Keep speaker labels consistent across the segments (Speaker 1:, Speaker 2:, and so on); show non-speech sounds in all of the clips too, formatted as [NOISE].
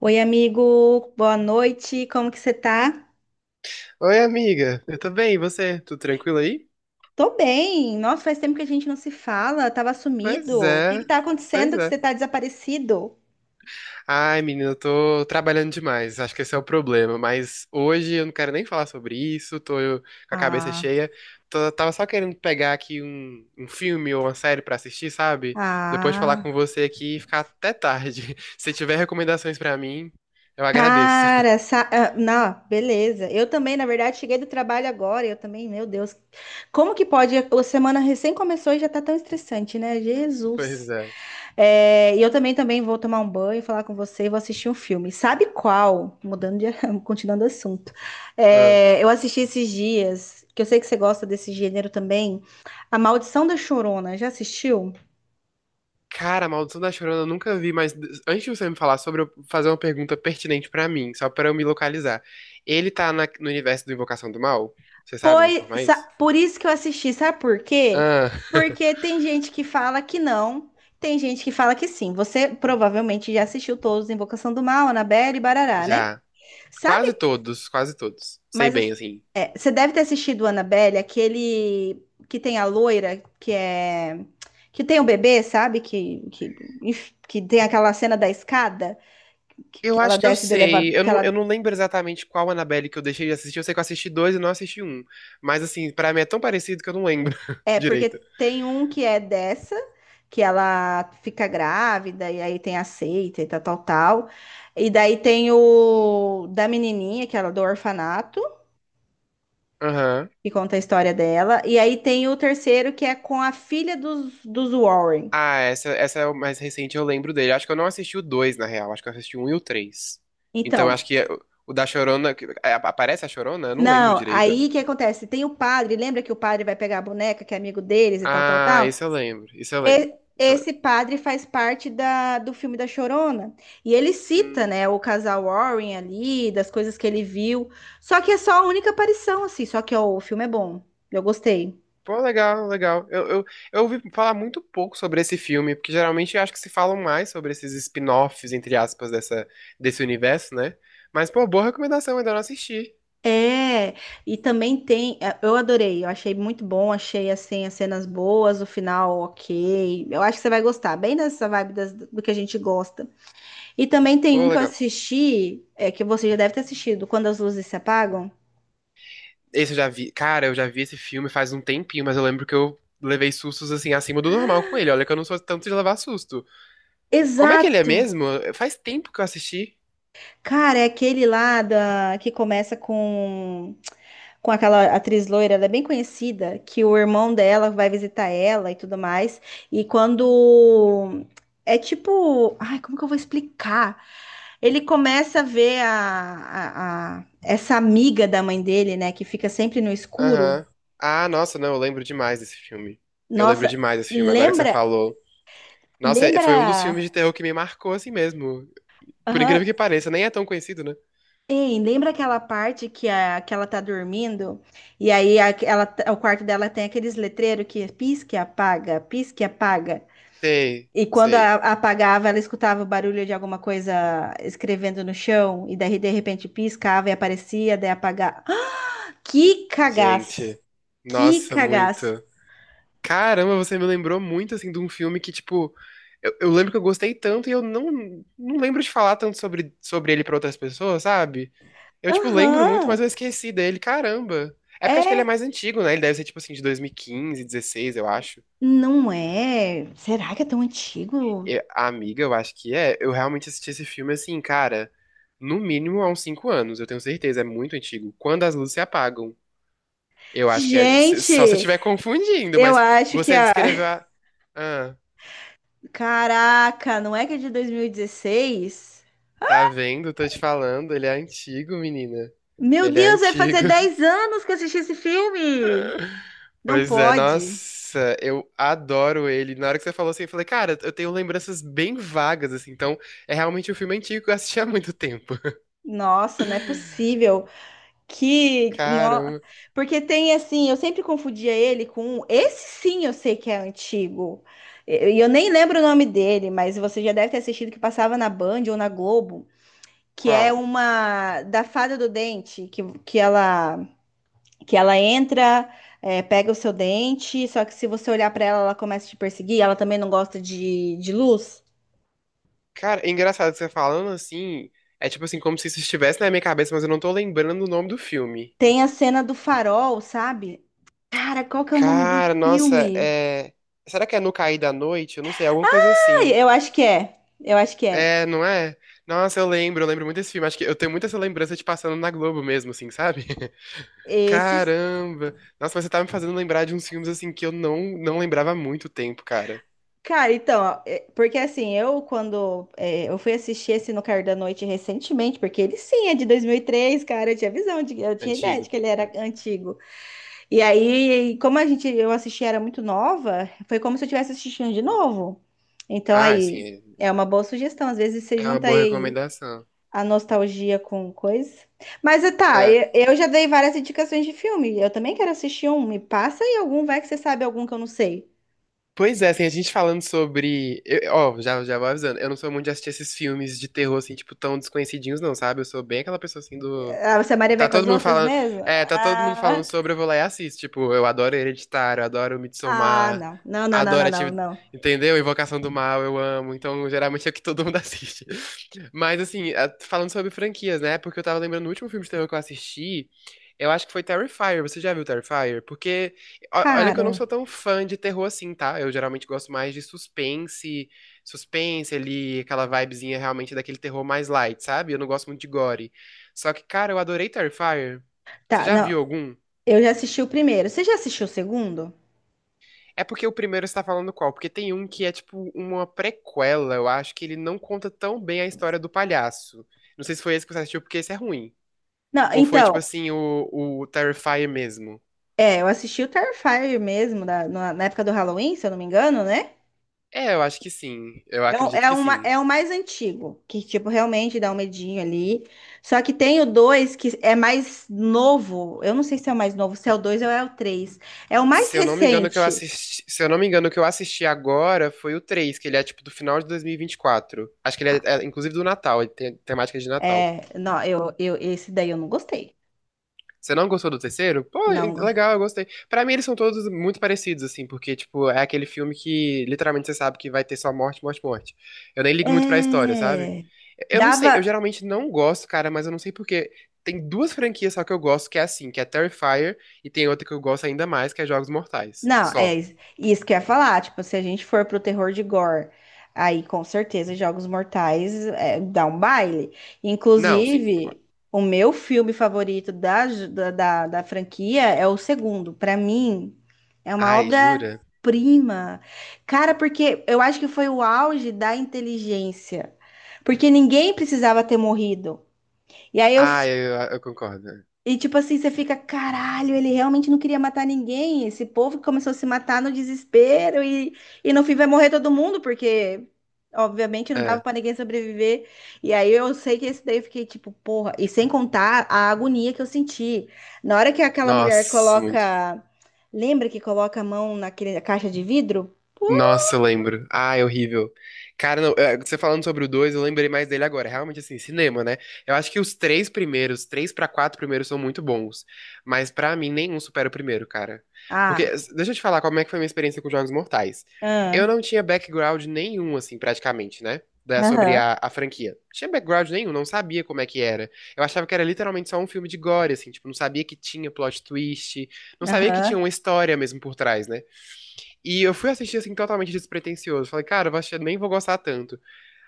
Speaker 1: Oi, amigo, boa noite, como que você tá?
Speaker 2: Oi, amiga. Eu tô bem, e você? Tudo tranquilo aí?
Speaker 1: Tô bem, nossa, faz tempo que a gente não se fala, tava sumido.
Speaker 2: Pois
Speaker 1: O que que
Speaker 2: é.
Speaker 1: tá
Speaker 2: Pois
Speaker 1: acontecendo que
Speaker 2: é.
Speaker 1: você tá desaparecido?
Speaker 2: Ai, menina, eu tô trabalhando demais. Acho que esse é o problema. Mas hoje eu não quero nem falar sobre isso. Tô com a cabeça
Speaker 1: Ah,
Speaker 2: cheia. Tava só querendo pegar aqui um filme ou uma série pra assistir, sabe? Depois de falar
Speaker 1: ah,
Speaker 2: com você aqui e ficar até tarde. [LAUGHS] Se tiver recomendações pra mim, eu agradeço. [LAUGHS]
Speaker 1: não, beleza. Eu também, na verdade, cheguei do trabalho agora, eu também, meu Deus. Como que pode? A semana recém começou e já tá tão estressante, né?
Speaker 2: Pois
Speaker 1: Jesus.
Speaker 2: é.
Speaker 1: É, e eu também vou tomar um banho, falar com você e vou assistir um filme. Sabe qual? [LAUGHS] Continuando o assunto. É, eu assisti esses dias, que eu sei que você gosta desse gênero também, A Maldição da Chorona. Já assistiu?
Speaker 2: Cara, a Maldição da Chorona eu nunca vi, mas antes de você me falar sobre, eu fazer uma pergunta pertinente pra mim, só pra eu me localizar. Ele tá no universo do Invocação do Mal? Você sabe me
Speaker 1: Pois,
Speaker 2: informar isso?
Speaker 1: por isso que eu assisti, sabe por quê?
Speaker 2: Ah, [LAUGHS]
Speaker 1: Porque tem gente que fala que não, tem gente que fala que sim. Você provavelmente já assistiu todos, Invocação do Mal, Annabelle e Barará, né?
Speaker 2: já.
Speaker 1: Sabe.
Speaker 2: Quase todos, quase todos. Sei
Speaker 1: Mas
Speaker 2: bem, assim.
Speaker 1: é, você deve ter assistido Annabelle, aquele que tem a loira, que é que tem o bebê, sabe? Que tem aquela cena da escada,
Speaker 2: Eu
Speaker 1: que ela
Speaker 2: acho que eu
Speaker 1: desce do elevador,
Speaker 2: sei.
Speaker 1: que
Speaker 2: Eu
Speaker 1: ela
Speaker 2: não lembro exatamente qual Annabelle que eu deixei de assistir. Eu sei que eu assisti dois e não assisti um. Mas, assim, pra mim é tão parecido que eu não lembro [LAUGHS]
Speaker 1: é porque
Speaker 2: direito.
Speaker 1: tem um que é dessa, que ela fica grávida e aí tem a seita e tal, tal, tal. E daí tem o da menininha, que ela é do orfanato.
Speaker 2: Aham.
Speaker 1: Que conta a história dela. E aí tem o terceiro, que é com a filha dos Warren.
Speaker 2: Ah, essa é o mais recente, eu lembro dele. Acho que eu não assisti o dois, na real. Acho que eu assisti o um e o três. Então,
Speaker 1: Então,
Speaker 2: acho que o da Chorona. É, aparece a Chorona? Eu não lembro
Speaker 1: não,
Speaker 2: direito.
Speaker 1: aí o que acontece? Tem o padre, lembra que o padre vai pegar a boneca, que é amigo deles e tal, tal,
Speaker 2: Ah,
Speaker 1: tal?
Speaker 2: isso eu lembro. Isso eu
Speaker 1: E-
Speaker 2: lembro. Isso eu lembro.
Speaker 1: esse padre faz parte da, do filme da Chorona. E ele cita,
Speaker 2: Hum.
Speaker 1: né, o casal Warren ali, das coisas que ele viu. Só que é só a única aparição, assim. Só que, ó, o filme é bom. Eu gostei.
Speaker 2: Pô, legal, legal. Eu ouvi falar muito pouco sobre esse filme, porque geralmente eu acho que se falam mais sobre esses spin-offs, entre aspas, dessa, desse universo, né? Mas, pô, boa recomendação, ainda não assisti.
Speaker 1: É, e também tem. Eu adorei, eu achei muito bom, achei assim as cenas boas, o final ok. Eu acho que você vai gostar, bem nessa vibe do que a gente gosta. E também tem um
Speaker 2: Pô,
Speaker 1: que eu
Speaker 2: legal.
Speaker 1: assisti, é, que você já deve ter assistido, Quando as Luzes Se Apagam.
Speaker 2: Esse eu já vi. Cara, eu já vi esse filme faz um tempinho, mas eu lembro que eu levei sustos, assim, acima do normal com ele. Olha que eu não sou tanto de levar susto. Como é que ele é
Speaker 1: Exato!
Speaker 2: mesmo? Faz tempo que eu assisti.
Speaker 1: Cara, é aquele lá da, que começa com aquela atriz loira, ela é bem conhecida, que o irmão dela vai visitar ela e tudo mais. E quando. É tipo. Ai, como que eu vou explicar? Ele começa a ver essa amiga da mãe dele, né, que fica sempre no escuro.
Speaker 2: Aham. Ah, nossa, não, eu lembro demais desse filme. Eu lembro
Speaker 1: Nossa,
Speaker 2: demais desse filme, agora que você
Speaker 1: lembra.
Speaker 2: falou. Nossa, foi um dos
Speaker 1: Lembra.
Speaker 2: filmes de terror que me marcou assim mesmo. Por
Speaker 1: Aham.
Speaker 2: incrível que pareça, nem é tão conhecido, né?
Speaker 1: Ei, lembra aquela parte que, a, que ela tá dormindo? E aí o quarto dela tem aqueles letreiros que pisca e apaga, pisca e apaga.
Speaker 2: Sei,
Speaker 1: E quando
Speaker 2: sei.
Speaker 1: apagava, ela escutava o barulho de alguma coisa escrevendo no chão, e daí de repente piscava e aparecia, daí apagava. [GASPS] Que cagaço!
Speaker 2: Gente,
Speaker 1: Que
Speaker 2: nossa,
Speaker 1: cagaço!
Speaker 2: muito. Caramba, você me lembrou muito, assim, de um filme que, tipo, eu lembro que eu gostei tanto e eu não, não lembro de falar tanto sobre ele pra outras pessoas, sabe? Eu, tipo, lembro muito, mas
Speaker 1: Aham!
Speaker 2: eu esqueci dele. Caramba. É porque acho que ele é
Speaker 1: É,
Speaker 2: mais antigo, né? Ele deve ser, tipo, assim, de 2015, 16, eu acho.
Speaker 1: não é? Será que é tão antigo?
Speaker 2: E a amiga, eu acho que é. Eu realmente assisti esse filme, assim, cara, no mínimo há uns 5 anos, eu tenho certeza. É muito antigo. Quando as luzes se apagam. Eu acho que é. Só se eu
Speaker 1: Gente,
Speaker 2: estiver confundindo,
Speaker 1: eu
Speaker 2: mas
Speaker 1: acho que
Speaker 2: você
Speaker 1: a.
Speaker 2: descreveu a. Ah,
Speaker 1: Caraca, não é que é de 2016?
Speaker 2: tá vendo? Tô te falando. Ele é antigo, menina.
Speaker 1: Meu
Speaker 2: Ele é
Speaker 1: Deus, vai
Speaker 2: antigo.
Speaker 1: fazer
Speaker 2: [LAUGHS]
Speaker 1: 10 anos que eu assisti esse filme! Não
Speaker 2: Pois é,
Speaker 1: pode.
Speaker 2: nossa, eu adoro ele. Na hora que você falou assim, eu falei, cara, eu tenho lembranças bem vagas, assim. Então, é realmente um filme antigo que eu assisti há muito tempo. [LAUGHS]
Speaker 1: Nossa, não é possível. Que. No...
Speaker 2: Caramba.
Speaker 1: Porque tem assim, eu sempre confundia ele com. Esse sim eu sei que é antigo. E eu nem lembro o nome dele, mas você já deve ter assistido que passava na Band ou na Globo, que é
Speaker 2: Qual?
Speaker 1: uma da Fada do Dente, que ela entra, é, pega o seu dente, só que se você olhar pra ela, ela começa a te perseguir, ela também não gosta de luz.
Speaker 2: Cara, é engraçado você falando assim. É tipo assim, como se isso estivesse na minha cabeça, mas eu não tô lembrando o nome do filme.
Speaker 1: Tem a cena do farol, sabe? Cara, qual que é o nome do
Speaker 2: Cara, nossa,
Speaker 1: filme?
Speaker 2: é. Será que é No Cair da Noite? Eu não sei, alguma coisa
Speaker 1: Ah,
Speaker 2: assim.
Speaker 1: eu acho que é. Eu acho que é.
Speaker 2: É, não é? Nossa, eu lembro muito desse filme. Acho que eu tenho muita essa lembrança de passando na Globo mesmo, assim, sabe? [LAUGHS]
Speaker 1: Esses.
Speaker 2: Caramba! Nossa, mas você tá me fazendo lembrar de uns filmes, assim, que eu não, não lembrava há muito tempo, cara.
Speaker 1: Cara, então, ó, porque assim, eu quando é, eu fui assistir esse No Cair da Noite recentemente, porque ele sim é de 2003, cara, eu tinha visão, de, eu tinha ideia
Speaker 2: Antigo.
Speaker 1: de que ele era
Speaker 2: É.
Speaker 1: antigo. E aí, como a gente, eu assisti, era muito nova, foi como se eu estivesse assistindo de novo. Então,
Speaker 2: Ah,
Speaker 1: aí,
Speaker 2: assim,
Speaker 1: é uma boa sugestão. Às vezes você
Speaker 2: é uma
Speaker 1: junta
Speaker 2: boa
Speaker 1: aí
Speaker 2: recomendação.
Speaker 1: a nostalgia com coisa. Mas
Speaker 2: É.
Speaker 1: eu já dei várias indicações de filme. Eu também quero assistir um. Me passa aí algum, vai que você sabe algum que eu não sei.
Speaker 2: Pois é, assim, a gente falando sobre. Ó, já vou avisando. Eu não sou muito de assistir esses filmes de terror, assim, tipo, tão desconhecidinhos, não, sabe? Eu sou bem aquela pessoa, assim, do.
Speaker 1: Ah, você é Maria vai
Speaker 2: Tá
Speaker 1: com
Speaker 2: todo
Speaker 1: as
Speaker 2: mundo
Speaker 1: outras
Speaker 2: falando,
Speaker 1: mesmo?
Speaker 2: é, tá todo mundo falando
Speaker 1: Ah,
Speaker 2: sobre, eu vou lá e assisto. Tipo, eu adoro Hereditário, adoro Midsommar,
Speaker 1: não. Não, não, não, não,
Speaker 2: adoro
Speaker 1: não,
Speaker 2: atividade,
Speaker 1: não.
Speaker 2: entendeu? Invocação do Mal, eu amo. Então, geralmente é o que todo mundo [LAUGHS] assiste. Mas, assim, falando sobre franquias, né? Porque eu tava lembrando do último filme de terror que eu assisti, eu acho que foi Terrifier. Você já viu Terrifier? Porque, olha que eu não
Speaker 1: Cara,
Speaker 2: sou tão fã de terror assim, tá? Eu geralmente gosto mais de suspense ali, aquela vibezinha realmente daquele terror mais light, sabe? Eu não gosto muito de gore. Só que, cara, eu adorei Terrifier. Você
Speaker 1: tá,
Speaker 2: já
Speaker 1: não.
Speaker 2: viu algum?
Speaker 1: Eu já assisti o primeiro. Você já assistiu o segundo?
Speaker 2: É porque o primeiro você tá falando qual? Porque tem um que é tipo uma prequela, eu acho que ele não conta tão bem a história do palhaço. Não sei se foi esse que você assistiu, porque esse é ruim.
Speaker 1: Não,
Speaker 2: Ou foi tipo
Speaker 1: então.
Speaker 2: assim, o Terrifier mesmo.
Speaker 1: É, eu assisti o Terrifier mesmo, na, na época do Halloween, se eu não me engano, né?
Speaker 2: É, eu acho que sim. Eu
Speaker 1: É,
Speaker 2: acredito que sim.
Speaker 1: é o mais antigo, que, tipo, realmente dá um medinho ali. Só que tem o 2 que é mais novo. Eu não sei se é o mais novo, se é o 2 ou é o três. É o mais
Speaker 2: Se eu não me engano, o que eu
Speaker 1: recente.
Speaker 2: assisti, se eu não me engano, o que eu assisti agora foi o 3 que ele é tipo do final de 2024. Acho que ele é, inclusive do Natal, ele tem temática de Natal.
Speaker 1: É, não, eu, esse daí eu não gostei.
Speaker 2: Você não gostou do terceiro? Pô,
Speaker 1: Não. Go-.
Speaker 2: legal, eu gostei. Pra mim, eles são todos muito parecidos, assim, porque, tipo, é aquele filme que literalmente você sabe que vai ter só morte, morte, morte. Eu nem ligo muito pra história, sabe?
Speaker 1: É.
Speaker 2: Eu não sei, eu
Speaker 1: Dava,
Speaker 2: geralmente não gosto, cara, mas eu não sei porque. Tem duas franquias só que eu gosto, que é assim, que é Terrifier, e tem outra que eu gosto ainda mais, que é Jogos Mortais.
Speaker 1: não, é
Speaker 2: Só.
Speaker 1: isso que eu ia falar. Tipo, se a gente for pro terror de gore, aí com certeza Jogos Mortais é, dá um baile.
Speaker 2: Não, sim, concordo.
Speaker 1: Inclusive, o meu filme favorito da, j- da, da, da franquia é o segundo. Pra mim, é uma
Speaker 2: Ai, jura?
Speaker 1: obra-prima. Cara, porque eu acho que foi o auge da inteligência. Porque ninguém precisava ter morrido. E aí eu
Speaker 2: Ai, eu concordo.
Speaker 1: e tipo assim, você fica, caralho, ele realmente não queria matar ninguém. Esse povo que começou a se matar no desespero e no fim vai morrer todo mundo, porque obviamente não dava
Speaker 2: É.
Speaker 1: pra ninguém sobreviver. E aí eu sei que esse daí eu fiquei tipo, porra, e sem contar a agonia que eu senti. Na hora que aquela mulher
Speaker 2: Nossa, muito.
Speaker 1: coloca, lembra que coloca a mão naquele, na caixa de vidro?
Speaker 2: Nossa, eu lembro. Ah, é horrível. Cara, não, eh, você falando sobre o 2, eu lembrei mais dele agora. Realmente, assim, cinema, né? Eu acho que os três primeiros, três pra quatro primeiros são muito bons. Mas pra mim, nenhum supera o primeiro, cara. Porque,
Speaker 1: Ah,
Speaker 2: deixa eu te falar como é que foi a minha experiência com Jogos Mortais. Eu
Speaker 1: ah,
Speaker 2: não tinha background nenhum, assim, praticamente, né? Da, sobre
Speaker 1: aham,
Speaker 2: a franquia. Não tinha background nenhum, não sabia como é que era. Eu achava que era literalmente só um filme de gore, assim, tipo, não sabia que tinha plot twist, não sabia que
Speaker 1: aham.
Speaker 2: tinha uma história mesmo por trás, né? E eu fui assistir assim totalmente despretensioso. Falei, cara, eu vou assistir, nem vou gostar tanto.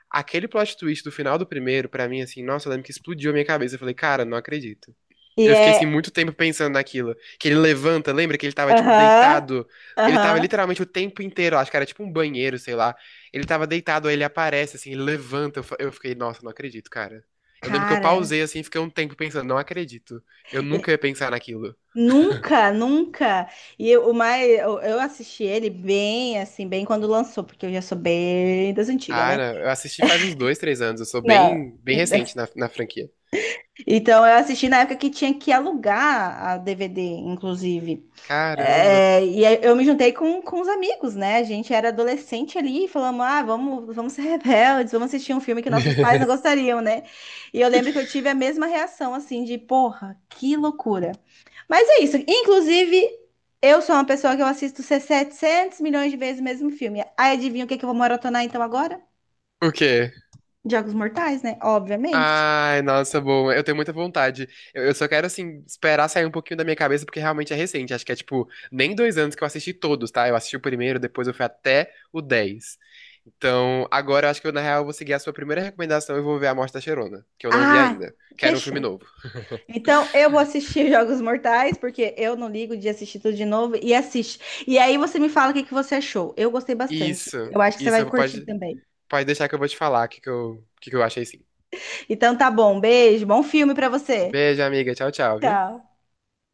Speaker 2: Aquele plot twist do final do primeiro, pra mim, assim, nossa, eu lembro que explodiu a minha cabeça. Eu falei, cara, não acredito.
Speaker 1: E
Speaker 2: Eu fiquei assim
Speaker 1: é,
Speaker 2: muito tempo pensando naquilo. Que ele levanta, lembra que ele tava, tipo,
Speaker 1: aham,
Speaker 2: deitado. Ele tava
Speaker 1: aham.
Speaker 2: literalmente o tempo inteiro, acho que era tipo um banheiro, sei lá. Ele tava deitado, aí ele aparece, assim, ele levanta. Eu fiquei, nossa, não acredito, cara. Eu lembro que eu
Speaker 1: Cara.
Speaker 2: pausei assim, fiquei um tempo pensando, não acredito. Eu nunca ia pensar naquilo.
Speaker 1: Nunca, nunca. E eu, o mais, eu assisti ele bem, assim, bem quando lançou, porque eu já sou bem das antigas,
Speaker 2: Ah,
Speaker 1: né?
Speaker 2: não, eu assisti faz uns 2, 3 anos. Eu sou
Speaker 1: Não.
Speaker 2: bem, bem recente
Speaker 1: [LAUGHS]
Speaker 2: na franquia.
Speaker 1: Então eu assisti na época que tinha que alugar a DVD, inclusive.
Speaker 2: Caramba.
Speaker 1: É, e aí eu me juntei com os amigos, né? A gente era adolescente ali, falamos, ah, vamos ser rebeldes, vamos assistir um filme que nossos pais não
Speaker 2: [LAUGHS]
Speaker 1: gostariam, né? E eu lembro que eu tive a mesma reação, assim, de, porra, que loucura. Mas é isso. Inclusive, eu sou uma pessoa que eu assisto 700 milhões de vezes o mesmo filme. Aí adivinha o que que eu vou maratonar então agora?
Speaker 2: O quê?
Speaker 1: Jogos Mortais, né? Obviamente.
Speaker 2: Ai, nossa, bom. Eu tenho muita vontade. Eu só quero, assim, esperar sair um pouquinho da minha cabeça, porque realmente é recente. Acho que é, tipo, nem 2 anos que eu assisti todos, tá? Eu assisti o primeiro, depois eu fui até o 10. Então, agora eu acho que eu, na real, vou seguir a sua primeira recomendação e vou ver A Morte da Cheirona, que eu não vi
Speaker 1: Ah,
Speaker 2: ainda. Quero um filme
Speaker 1: fechou.
Speaker 2: novo.
Speaker 1: Então eu vou assistir [LAUGHS] Jogos Mortais, porque eu não ligo de assistir tudo de novo e assiste. E aí você me fala o que que você achou. Eu gostei bastante.
Speaker 2: Isso,
Speaker 1: Eu acho que você vai
Speaker 2: isso.
Speaker 1: curtir
Speaker 2: Pode,
Speaker 1: também.
Speaker 2: pode deixar que eu vou te falar o que, que eu achei, sim.
Speaker 1: Então tá bom. Beijo, bom filme pra você.
Speaker 2: Beijo, amiga. Tchau, tchau, viu?
Speaker 1: Tchau.